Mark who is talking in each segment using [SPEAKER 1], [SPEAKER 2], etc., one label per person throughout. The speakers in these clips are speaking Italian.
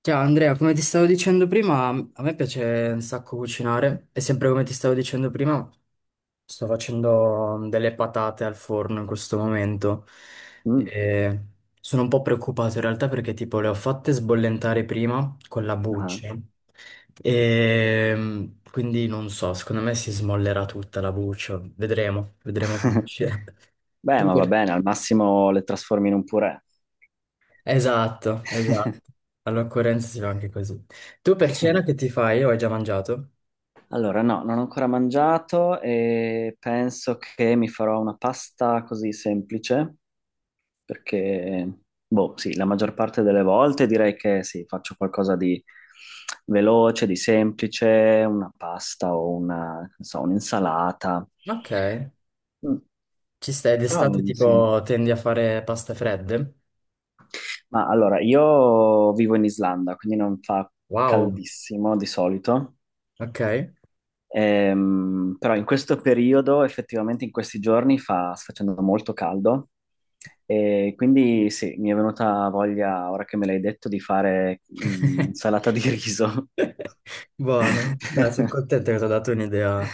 [SPEAKER 1] Ciao Andrea, come ti stavo dicendo prima, a me piace un sacco cucinare e sempre come ti stavo dicendo prima, sto facendo delle patate al forno in questo momento.
[SPEAKER 2] Mm,
[SPEAKER 1] E sono un po' preoccupato in realtà perché tipo le ho fatte sbollentare prima con la
[SPEAKER 2] ah.
[SPEAKER 1] buccia e quindi non so, secondo me si smollerà tutta la buccia, vedremo, vedremo come uscirà.
[SPEAKER 2] Beh,
[SPEAKER 1] Tu
[SPEAKER 2] ma va
[SPEAKER 1] per-
[SPEAKER 2] bene, al massimo le trasformi in un purè.
[SPEAKER 1] Esatto, esatto. All'occorrenza si va anche così. Tu per cena che ti fai o hai già mangiato?
[SPEAKER 2] Allora, no, non ho ancora mangiato e penso che mi farò una pasta così semplice, perché, boh, sì, la maggior parte delle volte direi che sì, faccio qualcosa di veloce, di semplice, una pasta o una, non so, un'insalata.
[SPEAKER 1] Ok,
[SPEAKER 2] Mm,
[SPEAKER 1] ci stai
[SPEAKER 2] però,
[SPEAKER 1] d'estate
[SPEAKER 2] sì.
[SPEAKER 1] tipo tendi a fare paste fredde?
[SPEAKER 2] Ma allora, io vivo in Islanda, quindi non fa
[SPEAKER 1] Wow,
[SPEAKER 2] caldissimo di solito.
[SPEAKER 1] ok.
[SPEAKER 2] Però in questo periodo, effettivamente in questi giorni, fa, sta facendo molto caldo e quindi sì, mi è venuta voglia, ora che me l'hai detto, di fare salata di riso.
[SPEAKER 1] Buono, dai, sono contento che ti ho dato un'idea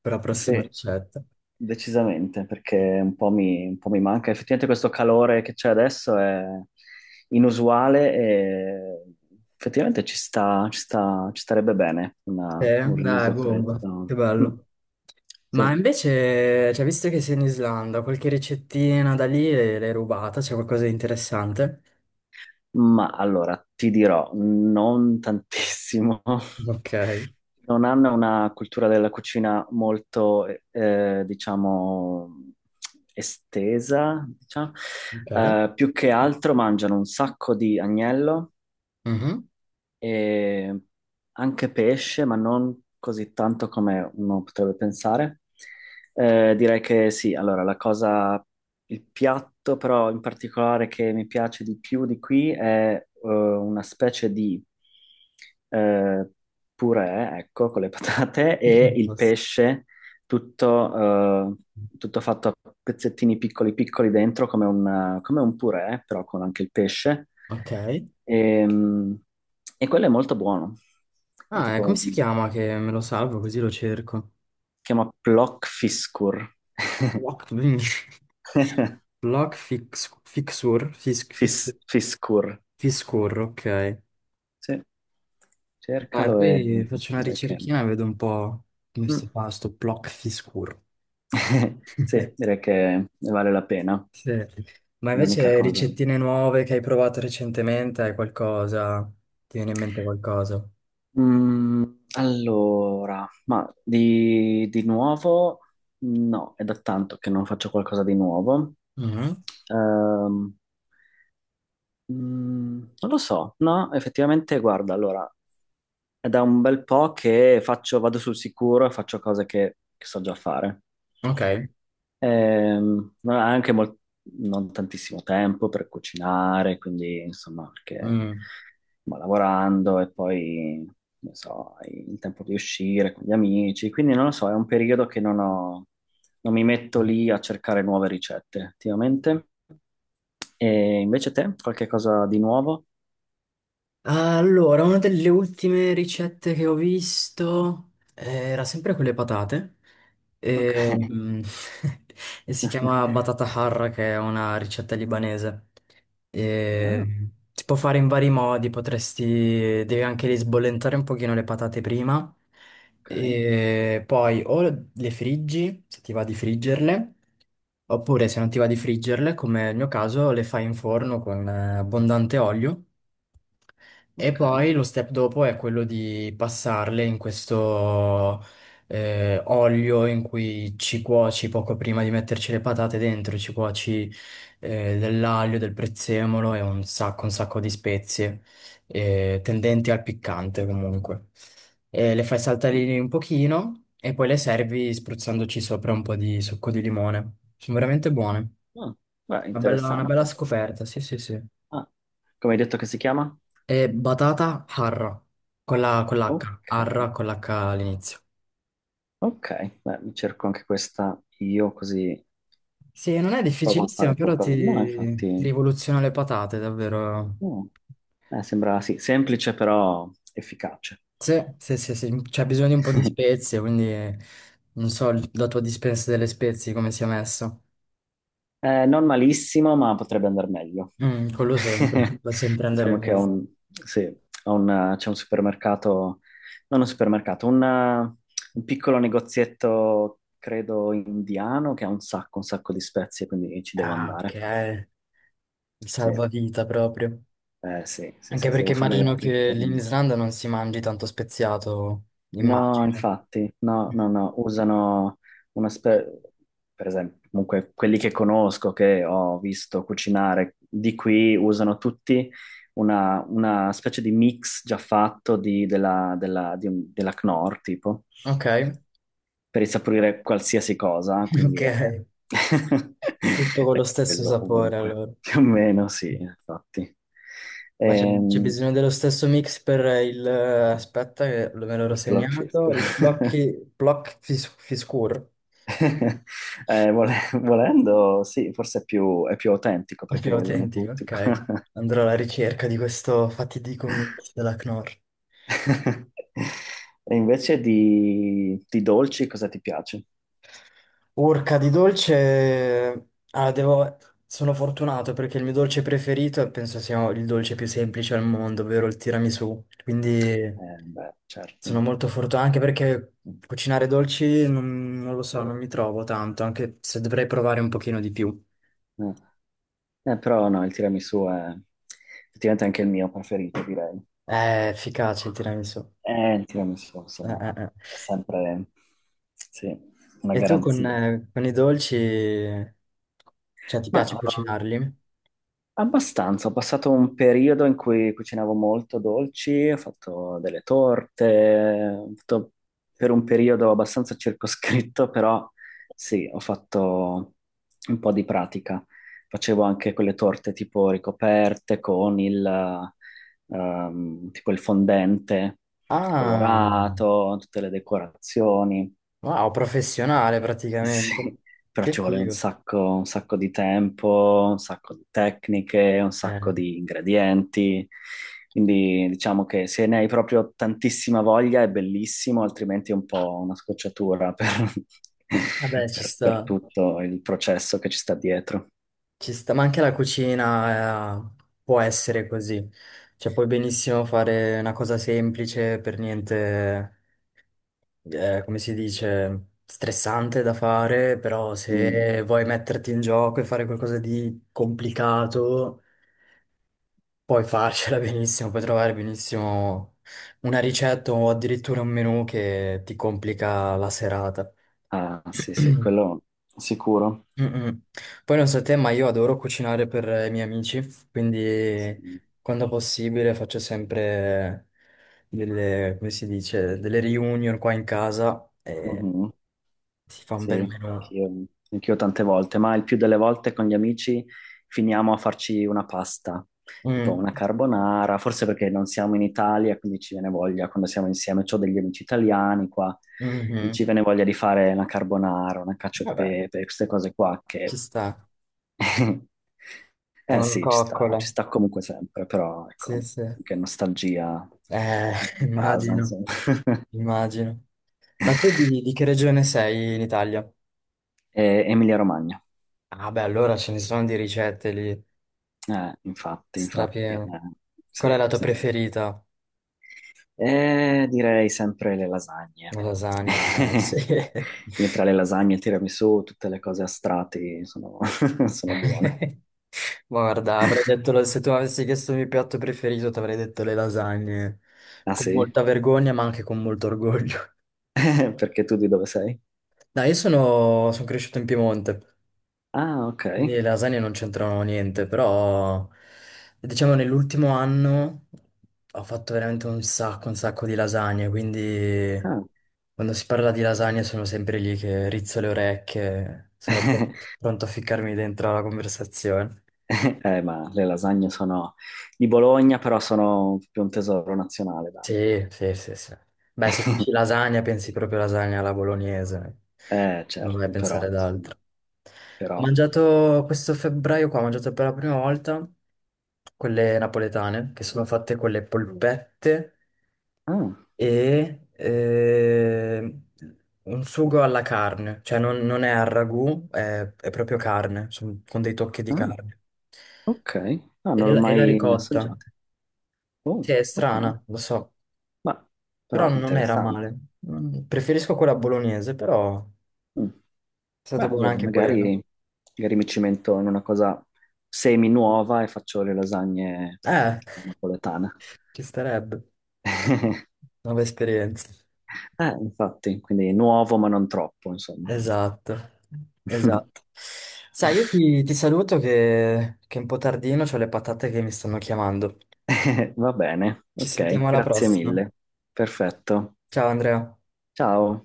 [SPEAKER 1] per la prossima
[SPEAKER 2] Sì,
[SPEAKER 1] ricetta.
[SPEAKER 2] decisamente, perché un po' mi manca. Effettivamente questo calore che c'è adesso è inusuale e effettivamente ci sta, ci starebbe bene un
[SPEAKER 1] Dai,
[SPEAKER 2] riso
[SPEAKER 1] bomba, che
[SPEAKER 2] freddo. Mm,
[SPEAKER 1] bello. Ma
[SPEAKER 2] sì.
[SPEAKER 1] invece, cioè, visto che sei in Islanda, qualche ricettina da lì l'hai rubata? C'è qualcosa di interessante?
[SPEAKER 2] Ma allora, ti dirò, non tantissimo.
[SPEAKER 1] Ok,
[SPEAKER 2] Non hanno una cultura della cucina molto, diciamo, estesa, diciamo.
[SPEAKER 1] ok.
[SPEAKER 2] Più che altro mangiano un sacco di agnello
[SPEAKER 1] Mhm.
[SPEAKER 2] e anche pesce, ma non così tanto come uno potrebbe pensare. Direi che sì, allora la cosa, il piatto però in particolare che mi piace di più di qui è una specie di eh, purè, ecco, con le patate e il pesce tutto, tutto fatto a pezzettini piccoli piccoli dentro, come un purè, però con anche il pesce.
[SPEAKER 1] Ok.
[SPEAKER 2] E, e quello è molto buono. È
[SPEAKER 1] Ah, e
[SPEAKER 2] tipo
[SPEAKER 1] come
[SPEAKER 2] un
[SPEAKER 1] si chiama
[SPEAKER 2] si
[SPEAKER 1] che me lo salvo così lo cerco?
[SPEAKER 2] chiama Plock Fiskur.
[SPEAKER 1] لوك لوك
[SPEAKER 2] Fiskur.
[SPEAKER 1] fixure, ok.
[SPEAKER 2] Sì.
[SPEAKER 1] Dai,
[SPEAKER 2] Cercalo e
[SPEAKER 1] poi faccio una
[SPEAKER 2] direi che
[SPEAKER 1] ricerchina e vedo un po' come sto
[SPEAKER 2] Mm.
[SPEAKER 1] fa sto block fixure.
[SPEAKER 2] Sì, direi che ne vale la pena.
[SPEAKER 1] Sì. Ma
[SPEAKER 2] L'unica
[SPEAKER 1] invece
[SPEAKER 2] cosa.
[SPEAKER 1] ricettine nuove che hai provato recentemente, hai qualcosa? Ti viene in mente qualcosa?
[SPEAKER 2] Mm, allora, ma di nuovo no, è da tanto che non faccio qualcosa di nuovo.
[SPEAKER 1] Mhm.
[SPEAKER 2] Ehm, non lo so, no, effettivamente, guarda, allora, è da un bel po' che faccio, vado sul sicuro e faccio cose che so già fare.
[SPEAKER 1] Ok.
[SPEAKER 2] Non ha anche mol- non tantissimo tempo per cucinare, quindi insomma, perché
[SPEAKER 1] Mm.
[SPEAKER 2] va lavorando e poi, non so, hai il tempo di uscire con gli amici, quindi non lo so, è un periodo che non mi metto lì a cercare nuove ricette attivamente. E invece te, qualche cosa di nuovo?
[SPEAKER 1] Allora, una delle ultime ricette che ho visto era sempre con le patate
[SPEAKER 2] Ok.
[SPEAKER 1] e, e si chiama batata harra, che è una ricetta libanese.
[SPEAKER 2] Ah,
[SPEAKER 1] E si può fare in vari modi, potresti, devi anche lì sbollentare un pochino le patate prima
[SPEAKER 2] ok,
[SPEAKER 1] e poi o le friggi, se ti va di friggerle, oppure se non ti va di friggerle, come nel mio caso, le fai in forno con abbondante olio. E
[SPEAKER 2] ok.
[SPEAKER 1] poi lo step dopo è quello di passarle in questo olio in cui ci cuoci poco prima di metterci le patate dentro, ci cuoci dell'aglio, del prezzemolo e un sacco di spezie tendenti al piccante comunque. E le fai saltare lì un pochino e poi le servi spruzzandoci sopra un po' di succo di limone. Sono veramente buone.
[SPEAKER 2] Ah, beh,
[SPEAKER 1] Una bella
[SPEAKER 2] interessante.
[SPEAKER 1] scoperta, sì, sì, sì.
[SPEAKER 2] Ah, come hai detto che si chiama?
[SPEAKER 1] È batata harra, con l'H,
[SPEAKER 2] Ok.
[SPEAKER 1] harra con l'H all'inizio.
[SPEAKER 2] Ok, beh, mi cerco anche questa io così
[SPEAKER 1] Sì, non è
[SPEAKER 2] provo a
[SPEAKER 1] difficilissima,
[SPEAKER 2] fare
[SPEAKER 1] però ti
[SPEAKER 2] qualcosa. No,
[SPEAKER 1] ti
[SPEAKER 2] infatti,
[SPEAKER 1] rivoluziona le patate, davvero.
[SPEAKER 2] no. Sembra sì, semplice però efficace.
[SPEAKER 1] Sì, sì, sì, sì, c'è bisogno di un po' di spezie, quindi non so la tua dispensa delle spezie come sia messa.
[SPEAKER 2] Non malissimo, ma potrebbe andare meglio.
[SPEAKER 1] Mm, quello sempre, va sempre andare
[SPEAKER 2] Diciamo che è
[SPEAKER 1] bene.
[SPEAKER 2] un, sì, è un, c'è un supermercato, non un supermercato, un piccolo negozietto, credo, indiano che ha un sacco di spezie, quindi ci devo
[SPEAKER 1] Ah, ok,
[SPEAKER 2] andare.
[SPEAKER 1] il
[SPEAKER 2] Sì,
[SPEAKER 1] salvavita proprio.
[SPEAKER 2] sì, sì,
[SPEAKER 1] Anche
[SPEAKER 2] sì,
[SPEAKER 1] perché
[SPEAKER 2] devo fare
[SPEAKER 1] immagino che lì in
[SPEAKER 2] riforme.
[SPEAKER 1] Islanda non si mangi tanto speziato,
[SPEAKER 2] No,
[SPEAKER 1] immagino.
[SPEAKER 2] infatti, no,
[SPEAKER 1] Mm.
[SPEAKER 2] no, no, usano una spe- per esempio, comunque quelli che conosco, che ho visto cucinare di qui, usano tutti una specie di mix già fatto della, della Knorr, tipo,
[SPEAKER 1] Ok,
[SPEAKER 2] per insaporire qualsiasi cosa,
[SPEAKER 1] ok.
[SPEAKER 2] quindi è,
[SPEAKER 1] Tutto con
[SPEAKER 2] è
[SPEAKER 1] lo stesso
[SPEAKER 2] quello
[SPEAKER 1] sapore,
[SPEAKER 2] ovunque,
[SPEAKER 1] allora.
[SPEAKER 2] più o meno, sì, infatti.
[SPEAKER 1] Ma c'è
[SPEAKER 2] Ehm,
[SPEAKER 1] bisogno dello stesso mix Aspetta, che me l'ero
[SPEAKER 2] il plot twist.
[SPEAKER 1] segnato. Il Fiskur,
[SPEAKER 2] Volendo, sì, forse è più autentico
[SPEAKER 1] il
[SPEAKER 2] perché
[SPEAKER 1] più
[SPEAKER 2] lo usano
[SPEAKER 1] autentico,
[SPEAKER 2] tutti.
[SPEAKER 1] ok. Andrò alla ricerca di questo fatidico mix della Knorr.
[SPEAKER 2] E invece di dolci cosa ti piace?
[SPEAKER 1] Urca di dolce... Ah, devo... Sono fortunato perché il mio dolce preferito penso sia il dolce più semplice al mondo, ovvero il tiramisù. Quindi...
[SPEAKER 2] Beh, certo.
[SPEAKER 1] Sono molto fortunato anche perché cucinare dolci non lo so, non mi trovo tanto, anche se dovrei provare un pochino di più.
[SPEAKER 2] Eh, però no, il tiramisù è effettivamente anche il mio preferito, direi.
[SPEAKER 1] È efficace il tiramisù.
[SPEAKER 2] Il tiramisù, insomma,
[SPEAKER 1] Eh.
[SPEAKER 2] è sempre, sì, una
[SPEAKER 1] E tu
[SPEAKER 2] garanzia.
[SPEAKER 1] con i dolci, cioè ti
[SPEAKER 2] Ma
[SPEAKER 1] piace
[SPEAKER 2] eh,
[SPEAKER 1] cucinarli?
[SPEAKER 2] abbastanza, ho passato un periodo in cui cucinavo molto dolci, ho fatto delle torte, ho fatto per un periodo abbastanza circoscritto, però sì, ho fatto un po' di pratica. Facevo anche quelle torte tipo ricoperte con il, tipo il fondente
[SPEAKER 1] Ah,
[SPEAKER 2] colorato, tutte le decorazioni.
[SPEAKER 1] wow, professionale praticamente.
[SPEAKER 2] Sì, però
[SPEAKER 1] Che
[SPEAKER 2] ci vuole
[SPEAKER 1] figo.
[SPEAKER 2] un sacco di tempo, un sacco di tecniche, un sacco
[SPEAKER 1] Eh,
[SPEAKER 2] di ingredienti. Quindi diciamo che se ne hai proprio tantissima voglia è bellissimo, altrimenti è un po' una scocciatura per,
[SPEAKER 1] vabbè,
[SPEAKER 2] per tutto il processo che ci sta dietro.
[SPEAKER 1] ci sta, ma anche la cucina, può essere così. Cioè, puoi benissimo fare una cosa semplice, per niente come si dice, stressante da fare, però
[SPEAKER 2] Mm.
[SPEAKER 1] se vuoi metterti in gioco e fare qualcosa di complicato, puoi farcela benissimo, puoi trovare benissimo una ricetta o addirittura un menù che ti complica la serata.
[SPEAKER 2] Ah, sì, sì, quello sicuro.
[SPEAKER 1] Mm-mm. Poi non so te, ma io adoro cucinare per i miei amici, quindi
[SPEAKER 2] Sì.
[SPEAKER 1] quando possibile faccio sempre delle, come si dice, delle reunion qua in casa e
[SPEAKER 2] Mm-hmm.
[SPEAKER 1] si fa un
[SPEAKER 2] Sì,
[SPEAKER 1] bel menù.
[SPEAKER 2] anch'io anch'io tante volte, ma il più delle volte con gli amici finiamo a farci una pasta, tipo
[SPEAKER 1] Mm,
[SPEAKER 2] una carbonara, forse perché non siamo in Italia, quindi ci viene voglia quando siamo insieme. Ho degli amici italiani qua, e
[SPEAKER 1] mhm.
[SPEAKER 2] ci viene voglia di fare una carbonara, una cacio e
[SPEAKER 1] Vabbè,
[SPEAKER 2] pepe, queste cose qua
[SPEAKER 1] ci
[SPEAKER 2] che
[SPEAKER 1] sta. È
[SPEAKER 2] Eh
[SPEAKER 1] una
[SPEAKER 2] sì, ci
[SPEAKER 1] coccola.
[SPEAKER 2] sta comunque sempre, però
[SPEAKER 1] Sì,
[SPEAKER 2] ecco,
[SPEAKER 1] sì.
[SPEAKER 2] che nostalgia
[SPEAKER 1] Eh,
[SPEAKER 2] di casa,
[SPEAKER 1] immagino,
[SPEAKER 2] insomma.
[SPEAKER 1] immagino. Ma tu di che regione sei in Italia?
[SPEAKER 2] Emilia Romagna.
[SPEAKER 1] Ah, beh, allora ce ne sono di ricette lì,
[SPEAKER 2] Infatti, infatti,
[SPEAKER 1] strapieno. Qual è
[SPEAKER 2] sì,
[SPEAKER 1] la tua
[SPEAKER 2] sì.
[SPEAKER 1] preferita?
[SPEAKER 2] Direi sempre le lasagne.
[SPEAKER 1] Le lasagne. Sì.
[SPEAKER 2] Quindi tra le lasagne, il tiramisù, tutte le cose a strati sono, sono buone.
[SPEAKER 1] Guarda, avrei detto, se tu avessi chiesto il mio piatto preferito, ti avrei detto le lasagne.
[SPEAKER 2] Ah
[SPEAKER 1] Con
[SPEAKER 2] sì?
[SPEAKER 1] molta vergogna, ma anche con molto orgoglio.
[SPEAKER 2] Perché tu di dove sei?
[SPEAKER 1] No, io sono, cresciuto in Piemonte.
[SPEAKER 2] Ah, ok.
[SPEAKER 1] Quindi le lasagne non c'entrano niente, però diciamo nell'ultimo anno ho fatto veramente un sacco di lasagne, quindi
[SPEAKER 2] Ah.
[SPEAKER 1] quando si parla di lasagne sono sempre lì che rizzo le orecchie, sono pr- pronto a ficcarmi dentro la conversazione.
[SPEAKER 2] Ma le lasagne sono di Bologna, però sono più un tesoro nazionale, dai.
[SPEAKER 1] Sì, sì, sì, sì. Beh, se dici lasagna pensi proprio lasagna alla bolognese. Non vai a
[SPEAKER 2] Certo, però,
[SPEAKER 1] pensare ad
[SPEAKER 2] insomma,
[SPEAKER 1] altro. Ho
[SPEAKER 2] però
[SPEAKER 1] mangiato questo febbraio qua, ho mangiato per la prima volta quelle napoletane, che sono fatte con le polpette
[SPEAKER 2] Ah,
[SPEAKER 1] e un sugo alla carne, cioè non è al ragù, è proprio carne, con dei tocchi di
[SPEAKER 2] ah,
[SPEAKER 1] carne.
[SPEAKER 2] ok. Ah, non
[SPEAKER 1] E
[SPEAKER 2] l'ho
[SPEAKER 1] la, e la
[SPEAKER 2] mai
[SPEAKER 1] ricotta,
[SPEAKER 2] assaggiate. Oh,
[SPEAKER 1] sì, è
[SPEAKER 2] ok.
[SPEAKER 1] strana, lo so,
[SPEAKER 2] Ma
[SPEAKER 1] però
[SPEAKER 2] però
[SPEAKER 1] non era
[SPEAKER 2] interessante.
[SPEAKER 1] male. Preferisco quella bolognese, però è
[SPEAKER 2] Mm.
[SPEAKER 1] stata
[SPEAKER 2] Beh,
[SPEAKER 1] buona
[SPEAKER 2] vedi,
[SPEAKER 1] anche quella.
[SPEAKER 2] magari, magari mi cimento in una cosa semi nuova e faccio le lasagne
[SPEAKER 1] Eh,
[SPEAKER 2] napoletane.
[SPEAKER 1] ci starebbe. Nuove esperienze.
[SPEAKER 2] Infatti, quindi nuovo ma non troppo, insomma.
[SPEAKER 1] Esatto, esatto. Sai, io ti saluto che è un po' tardino, ho le patate che mi stanno chiamando.
[SPEAKER 2] Va bene,
[SPEAKER 1] Ci
[SPEAKER 2] ok,
[SPEAKER 1] sentiamo alla
[SPEAKER 2] grazie
[SPEAKER 1] prossima.
[SPEAKER 2] mille. Perfetto.
[SPEAKER 1] Ciao Andrea.
[SPEAKER 2] Ciao.